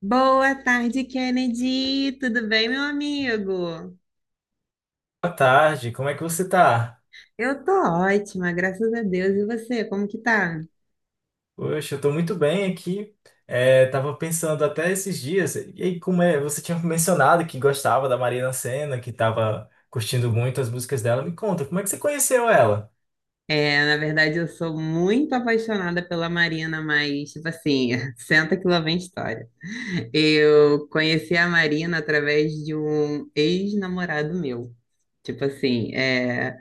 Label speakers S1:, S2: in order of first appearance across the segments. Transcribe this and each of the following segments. S1: Boa tarde, Kennedy. Tudo bem, meu amigo?
S2: Boa tarde, como é que você tá?
S1: Eu tô ótima, graças a Deus. E você, como que tá?
S2: Poxa, eu tô muito bem aqui. É, tava pensando até esses dias, e aí como é, você tinha mencionado que gostava da Marina Sena, que tava curtindo muito as músicas dela. Me conta, como é que você conheceu ela?
S1: É, na verdade, eu sou muito apaixonada pela Marina, mas, tipo assim, senta que lá vem história. Eu conheci a Marina através de um ex-namorado meu. Tipo assim, é.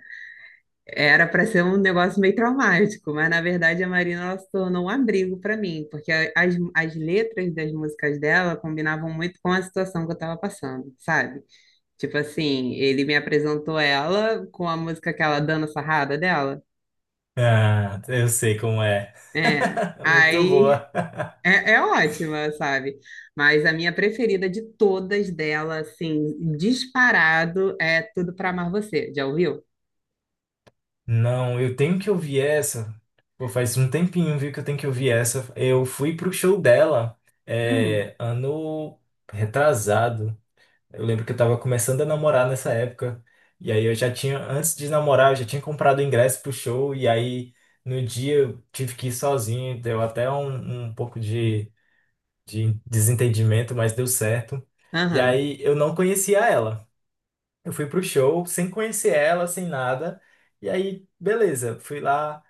S1: Era para ser um negócio meio traumático, mas na verdade a Marina ela se tornou um abrigo para mim, porque as letras das músicas dela combinavam muito com a situação que eu estava passando, sabe? Tipo assim, ele me apresentou ela com a música que ela Dana Sarrada dela.
S2: Ah, eu sei como é.
S1: É.
S2: Muito
S1: Aí
S2: boa.
S1: é, é ótima, sabe? Mas a minha preferida de todas dela, assim, disparado, é Tudo Pra Amar Você. Já ouviu?
S2: Não, eu tenho que ouvir essa. Pô, faz um tempinho, viu, que eu tenho que ouvir essa. Eu fui pro show dela,
S1: Hum,
S2: ano retrasado. Eu lembro que eu tava começando a namorar nessa época. E aí eu já tinha, antes de namorar, eu já tinha comprado o ingresso pro show. E aí no dia eu tive que ir sozinho. Deu até um pouco de desentendimento, mas deu certo. E
S1: aham.
S2: aí eu não conhecia ela. Eu fui pro show sem conhecer ela, sem nada. E aí, beleza, fui lá.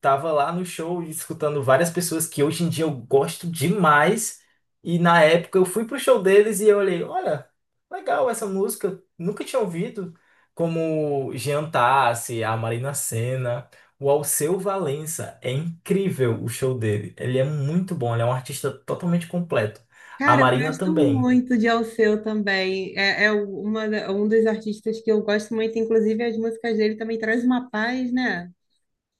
S2: Tava lá no show escutando várias pessoas que hoje em dia eu gosto demais. E na época eu fui pro show deles e eu olhei, olha, legal essa música, nunca tinha ouvido. Como Jean Tassi, a Marina Sena, o Alceu Valença. É incrível o show dele. Ele é muito bom, ele é um artista totalmente completo. A
S1: Cara, eu
S2: Marina
S1: gosto
S2: também.
S1: muito de Alceu também. É, é uma, um dos artistas que eu gosto muito, inclusive as músicas dele também traz uma paz, né?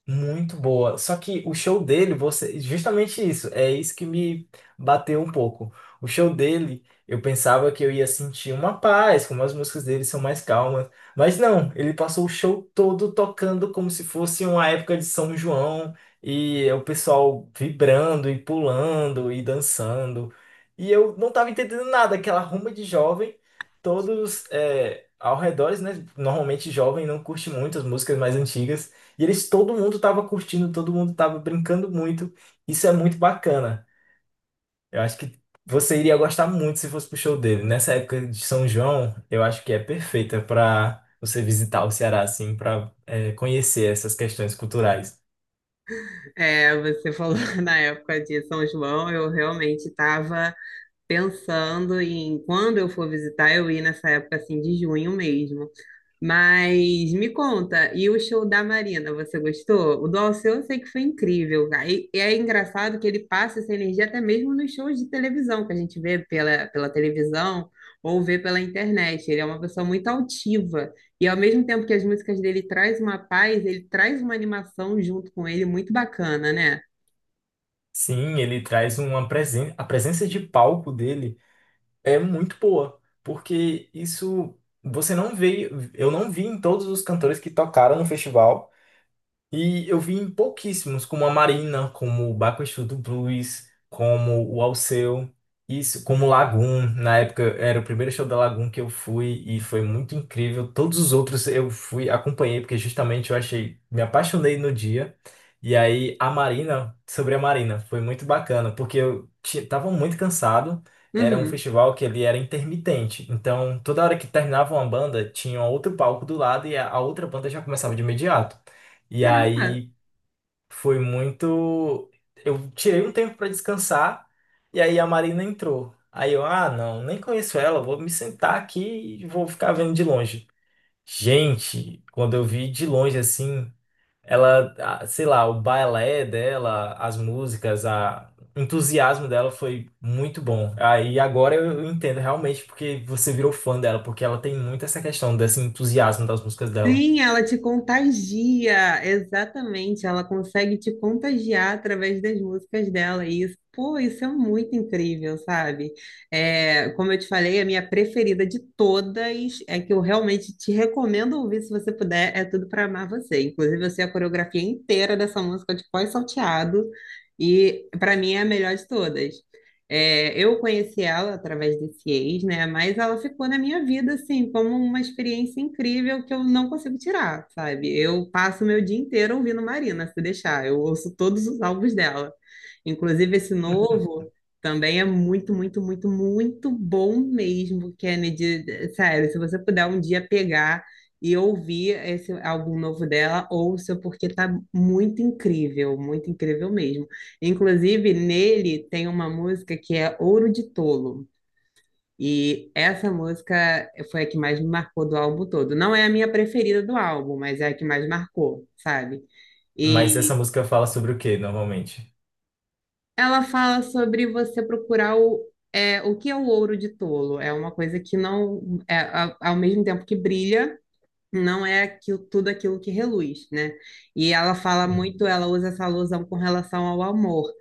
S2: Muito boa. Só que o show dele, você, justamente isso, é isso que me bateu um pouco. O show dele, eu pensava que eu ia sentir uma paz, como as músicas dele são mais calmas, mas não, ele passou o show todo tocando como se fosse uma época de São João e é o pessoal vibrando e pulando e dançando. E eu não tava entendendo nada, aquela rumba de jovem, todos ao redor, né? Normalmente jovem não curte muito as músicas mais antigas. E eles, todo mundo tava curtindo, todo mundo tava brincando muito. Isso é muito bacana. Eu acho que você iria gostar muito se fosse pro show dele. Nessa época de São João, eu acho que é perfeita para você visitar o Ceará, assim, para conhecer essas questões culturais.
S1: É, você falou na época de São João, eu realmente estava pensando em quando eu for visitar, eu ir nessa época assim de junho mesmo. Mas me conta, e o show da Marina, você gostou? O do Alceu eu sei que foi incrível, cara. E é engraçado que ele passa essa energia até mesmo nos shows de televisão, que a gente vê pela televisão ou vê pela internet. Ele é uma pessoa muito altiva. E ao mesmo tempo que as músicas dele traz uma paz, ele traz uma animação junto com ele muito bacana, né?
S2: Sim, ele traz uma presença. A presença de palco dele é muito boa, porque isso você não vê. Eu não vi em todos os cantores que tocaram no festival. E eu vi em pouquíssimos, como a Marina, como o Bakushu do Blues, como o Alceu, isso, como o Lagoon. Na época era o primeiro show da Lagoon que eu fui e foi muito incrível. Todos os outros eu fui, acompanhei, porque justamente eu achei, me apaixonei no dia. E aí a Marina, sobre a Marina, foi muito bacana, porque eu tava muito cansado. Era um
S1: Uhum.
S2: festival que ele era intermitente, então toda hora que terminava uma banda, tinha outro palco do lado e a outra banda já começava de imediato. E
S1: Caramba!
S2: aí foi muito. Eu tirei um tempo para descansar e aí a Marina entrou. Aí eu, ah, não, nem conheço ela, vou me sentar aqui e vou ficar vendo de longe. Gente, quando eu vi de longe assim, ela, ah, sei lá, o balé dela, as músicas, a o entusiasmo dela foi muito bom. Aí agora eu entendo realmente porque você virou fã dela, porque ela tem muito essa questão desse entusiasmo das músicas dela.
S1: Sim, ela te contagia, exatamente. Ela consegue te contagiar através das músicas dela. E isso, pô, isso é muito incrível, sabe? É, como eu te falei, a minha preferida de todas é que eu realmente te recomendo ouvir se você puder. É tudo para amar você. Inclusive, eu sei a coreografia inteira dessa música de pós-salteado. E para mim é a melhor de todas. É, eu conheci ela através desse ex, né? Mas ela ficou na minha vida, assim, como uma experiência incrível que eu não consigo tirar, sabe? Eu passo meu dia inteiro ouvindo Marina, se deixar. Eu ouço todos os álbuns dela. Inclusive, esse novo também é muito, muito, muito, muito bom mesmo, Kennedy. Sério, se você puder um dia pegar e ouvir esse álbum novo dela, ouça, porque tá muito incrível mesmo. Inclusive, nele tem uma música que é Ouro de Tolo. E essa música foi a que mais me marcou do álbum todo. Não é a minha preferida do álbum, mas é a que mais marcou, sabe?
S2: Mas essa
S1: E
S2: música fala sobre o quê, normalmente?
S1: ela fala sobre você procurar é, o que é o ouro de tolo. É uma coisa que não é ao mesmo tempo que brilha. Não é aquilo, tudo aquilo que reluz, né? E ela fala muito,
S2: Hum,
S1: ela usa essa alusão com relação ao amor,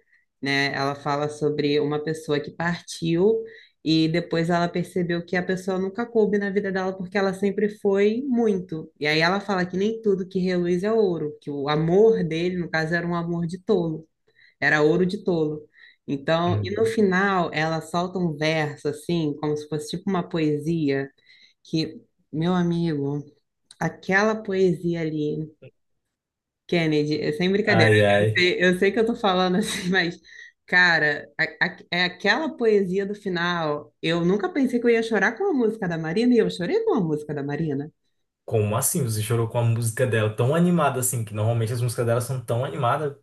S1: né? Ela fala sobre uma pessoa que partiu e depois ela percebeu que a pessoa nunca coube na vida dela porque ela sempre foi muito. E aí ela fala que nem tudo que reluz é ouro, que o amor dele, no caso, era um amor de tolo, era ouro de tolo. Então, e no
S2: hum.
S1: final ela solta um verso assim, como se fosse tipo uma poesia, que, meu amigo, aquela poesia ali, Kennedy, é sem brincadeira.
S2: Ai, ai.
S1: Eu sei que eu tô falando assim, mas, cara, é aquela poesia do final. Eu nunca pensei que eu ia chorar com a música da Marina e eu chorei com a música da Marina.
S2: Como assim? Você chorou com a música dela tão animada assim, que normalmente as músicas dela são tão animadas.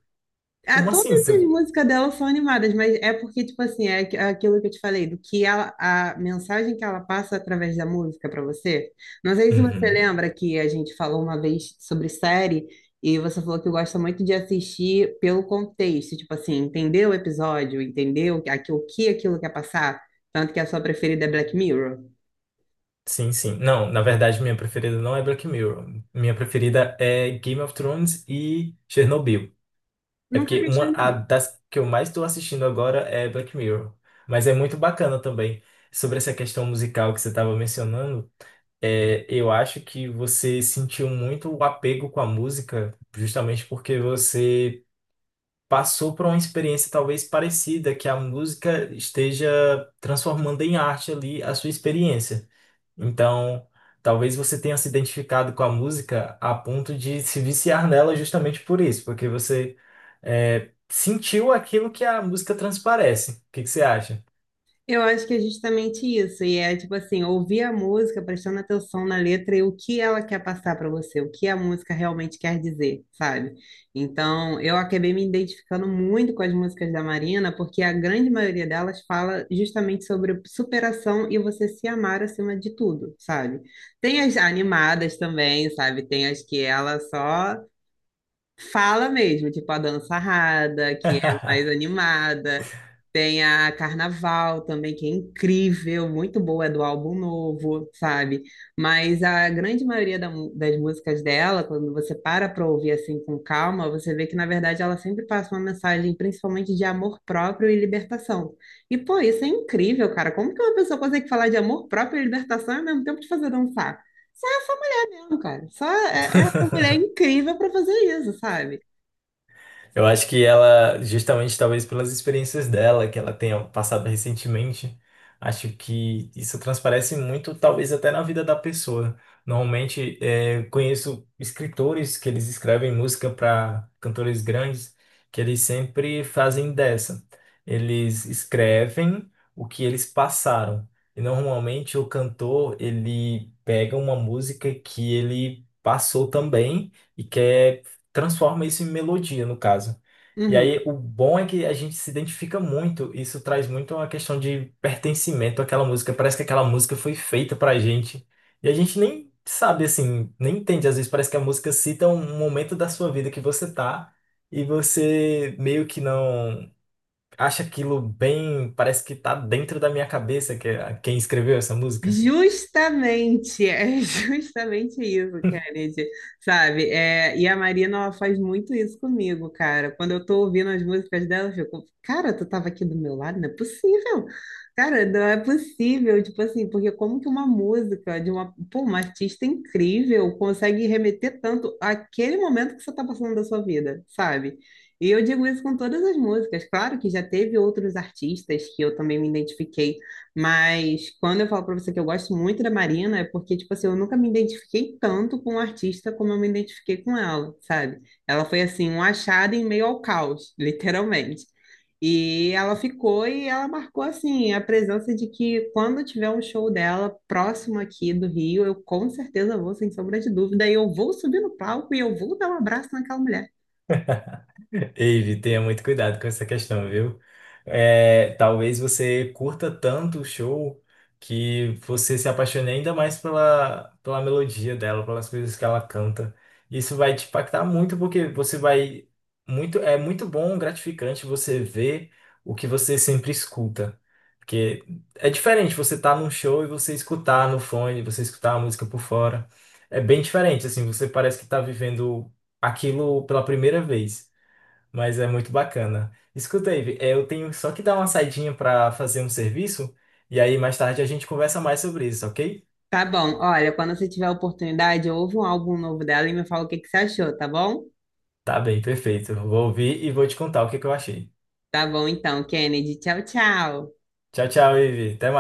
S1: Ah,
S2: Como
S1: todas
S2: assim?
S1: as
S2: Você...
S1: músicas dela são animadas, mas é porque, tipo assim, é aquilo que eu te falei, do que ela, a mensagem que ela passa através da música para você. Não sei se você
S2: Uhum.
S1: lembra que a gente falou uma vez sobre série e você falou que gosta muito de assistir pelo contexto, tipo assim, entendeu o episódio, entendeu o que aquilo quer passar, tanto que a sua preferida é Black Mirror.
S2: Sim, sim. Não, na verdade, minha preferida não é Black Mirror. Minha preferida é Game of Thrones e Chernobyl. É
S1: Nunca
S2: porque
S1: vi.
S2: uma a das que eu mais estou assistindo agora é Black Mirror. Mas é muito bacana também. Sobre essa questão musical que você estava mencionando, eu acho que você sentiu muito o apego com a música, justamente porque você passou por uma experiência talvez parecida, que a música esteja transformando em arte ali a sua experiência. Então, talvez você tenha se identificado com a música a ponto de se viciar nela justamente por isso, porque você sentiu aquilo que a música transparece. O que que você acha?
S1: Eu acho que é justamente isso, e é tipo assim, ouvir a música, prestando atenção na letra e o que ela quer passar para você, o que a música realmente quer dizer, sabe? Então, eu acabei me identificando muito com as músicas da Marina, porque a grande maioria delas fala justamente sobre superação e você se amar acima de tudo, sabe? Tem as animadas também, sabe? Tem as que ela só fala mesmo, tipo a dança rada, que é mais animada, tem a Carnaval também, que é incrível, muito boa, é do álbum novo, sabe? Mas a grande maioria da das músicas dela, quando você para para ouvir assim com calma, você vê que na verdade ela sempre passa uma mensagem principalmente de amor próprio e libertação. E pô, isso é incrível, cara. Como que uma pessoa consegue falar de amor próprio e libertação e ao mesmo tempo te fazer dançar? Só essa mulher, cara. Só essa mulher é incrível para fazer isso, sabe?
S2: Eu acho que ela, justamente talvez pelas experiências dela, que ela tenha passado recentemente, acho que isso transparece muito, talvez até na vida da pessoa. Normalmente, conheço escritores que eles escrevem música para cantores grandes, que eles sempre fazem dessa. Eles escrevem o que eles passaram. E normalmente o cantor, ele pega uma música que ele passou também e quer transforma isso em melodia, no caso. E
S1: Uhum.
S2: aí, o bom é que a gente se identifica muito. Isso traz muito uma questão de pertencimento àquela música. Parece que aquela música foi feita pra gente. E a gente nem sabe, assim, nem entende. Às vezes parece que a música cita um momento da sua vida que você tá e você meio que não acha aquilo bem. Parece que tá dentro da minha cabeça, que é quem escreveu essa música.
S1: Justamente, é justamente isso, Kennedy, sabe? É, e a Marina, ela faz muito isso comigo, cara. Quando eu tô ouvindo as músicas dela, eu fico, cara, tu tava aqui do meu lado? Não é possível. Cara, não é possível, tipo assim, porque como que uma música de uma, pô, uma artista incrível consegue remeter tanto àquele momento que você tá passando da sua vida, sabe? E eu digo isso com todas as músicas. Claro que já teve outros artistas que eu também me identifiquei, mas quando eu falo pra você que eu gosto muito da Marina, é porque, tipo assim, eu nunca me identifiquei tanto com o artista como eu me identifiquei com ela, sabe? Ela foi, assim, um achado em meio ao caos, literalmente. E ela ficou e ela marcou, assim, a presença de que quando tiver um show dela próximo aqui do Rio, eu com certeza vou, sem sombra de dúvida, e eu vou subir no palco e eu vou dar um abraço naquela mulher.
S2: Eve, tenha muito cuidado com essa questão, viu? É, talvez você curta tanto o show que você se apaixone ainda mais pela melodia dela, pelas coisas que ela canta. Isso vai te impactar muito, porque você vai muito, é muito bom, gratificante você ver o que você sempre escuta. Porque é diferente você estar num show e você escutar no fone, você escutar a música por fora. É bem diferente, assim, você parece que está vivendo aquilo pela primeira vez. Mas é muito bacana. Escuta, Ivy, eu tenho só que dar uma saidinha para fazer um serviço e aí mais tarde a gente conversa mais sobre isso, ok?
S1: Tá bom, olha, quando você tiver a oportunidade, ouve um álbum novo dela e me fala o que que você achou, tá bom?
S2: Tá bem, perfeito. Vou ouvir e vou te contar o que que eu achei.
S1: Tá bom então, Kennedy. Tchau, tchau.
S2: Tchau, tchau, Ivy. Até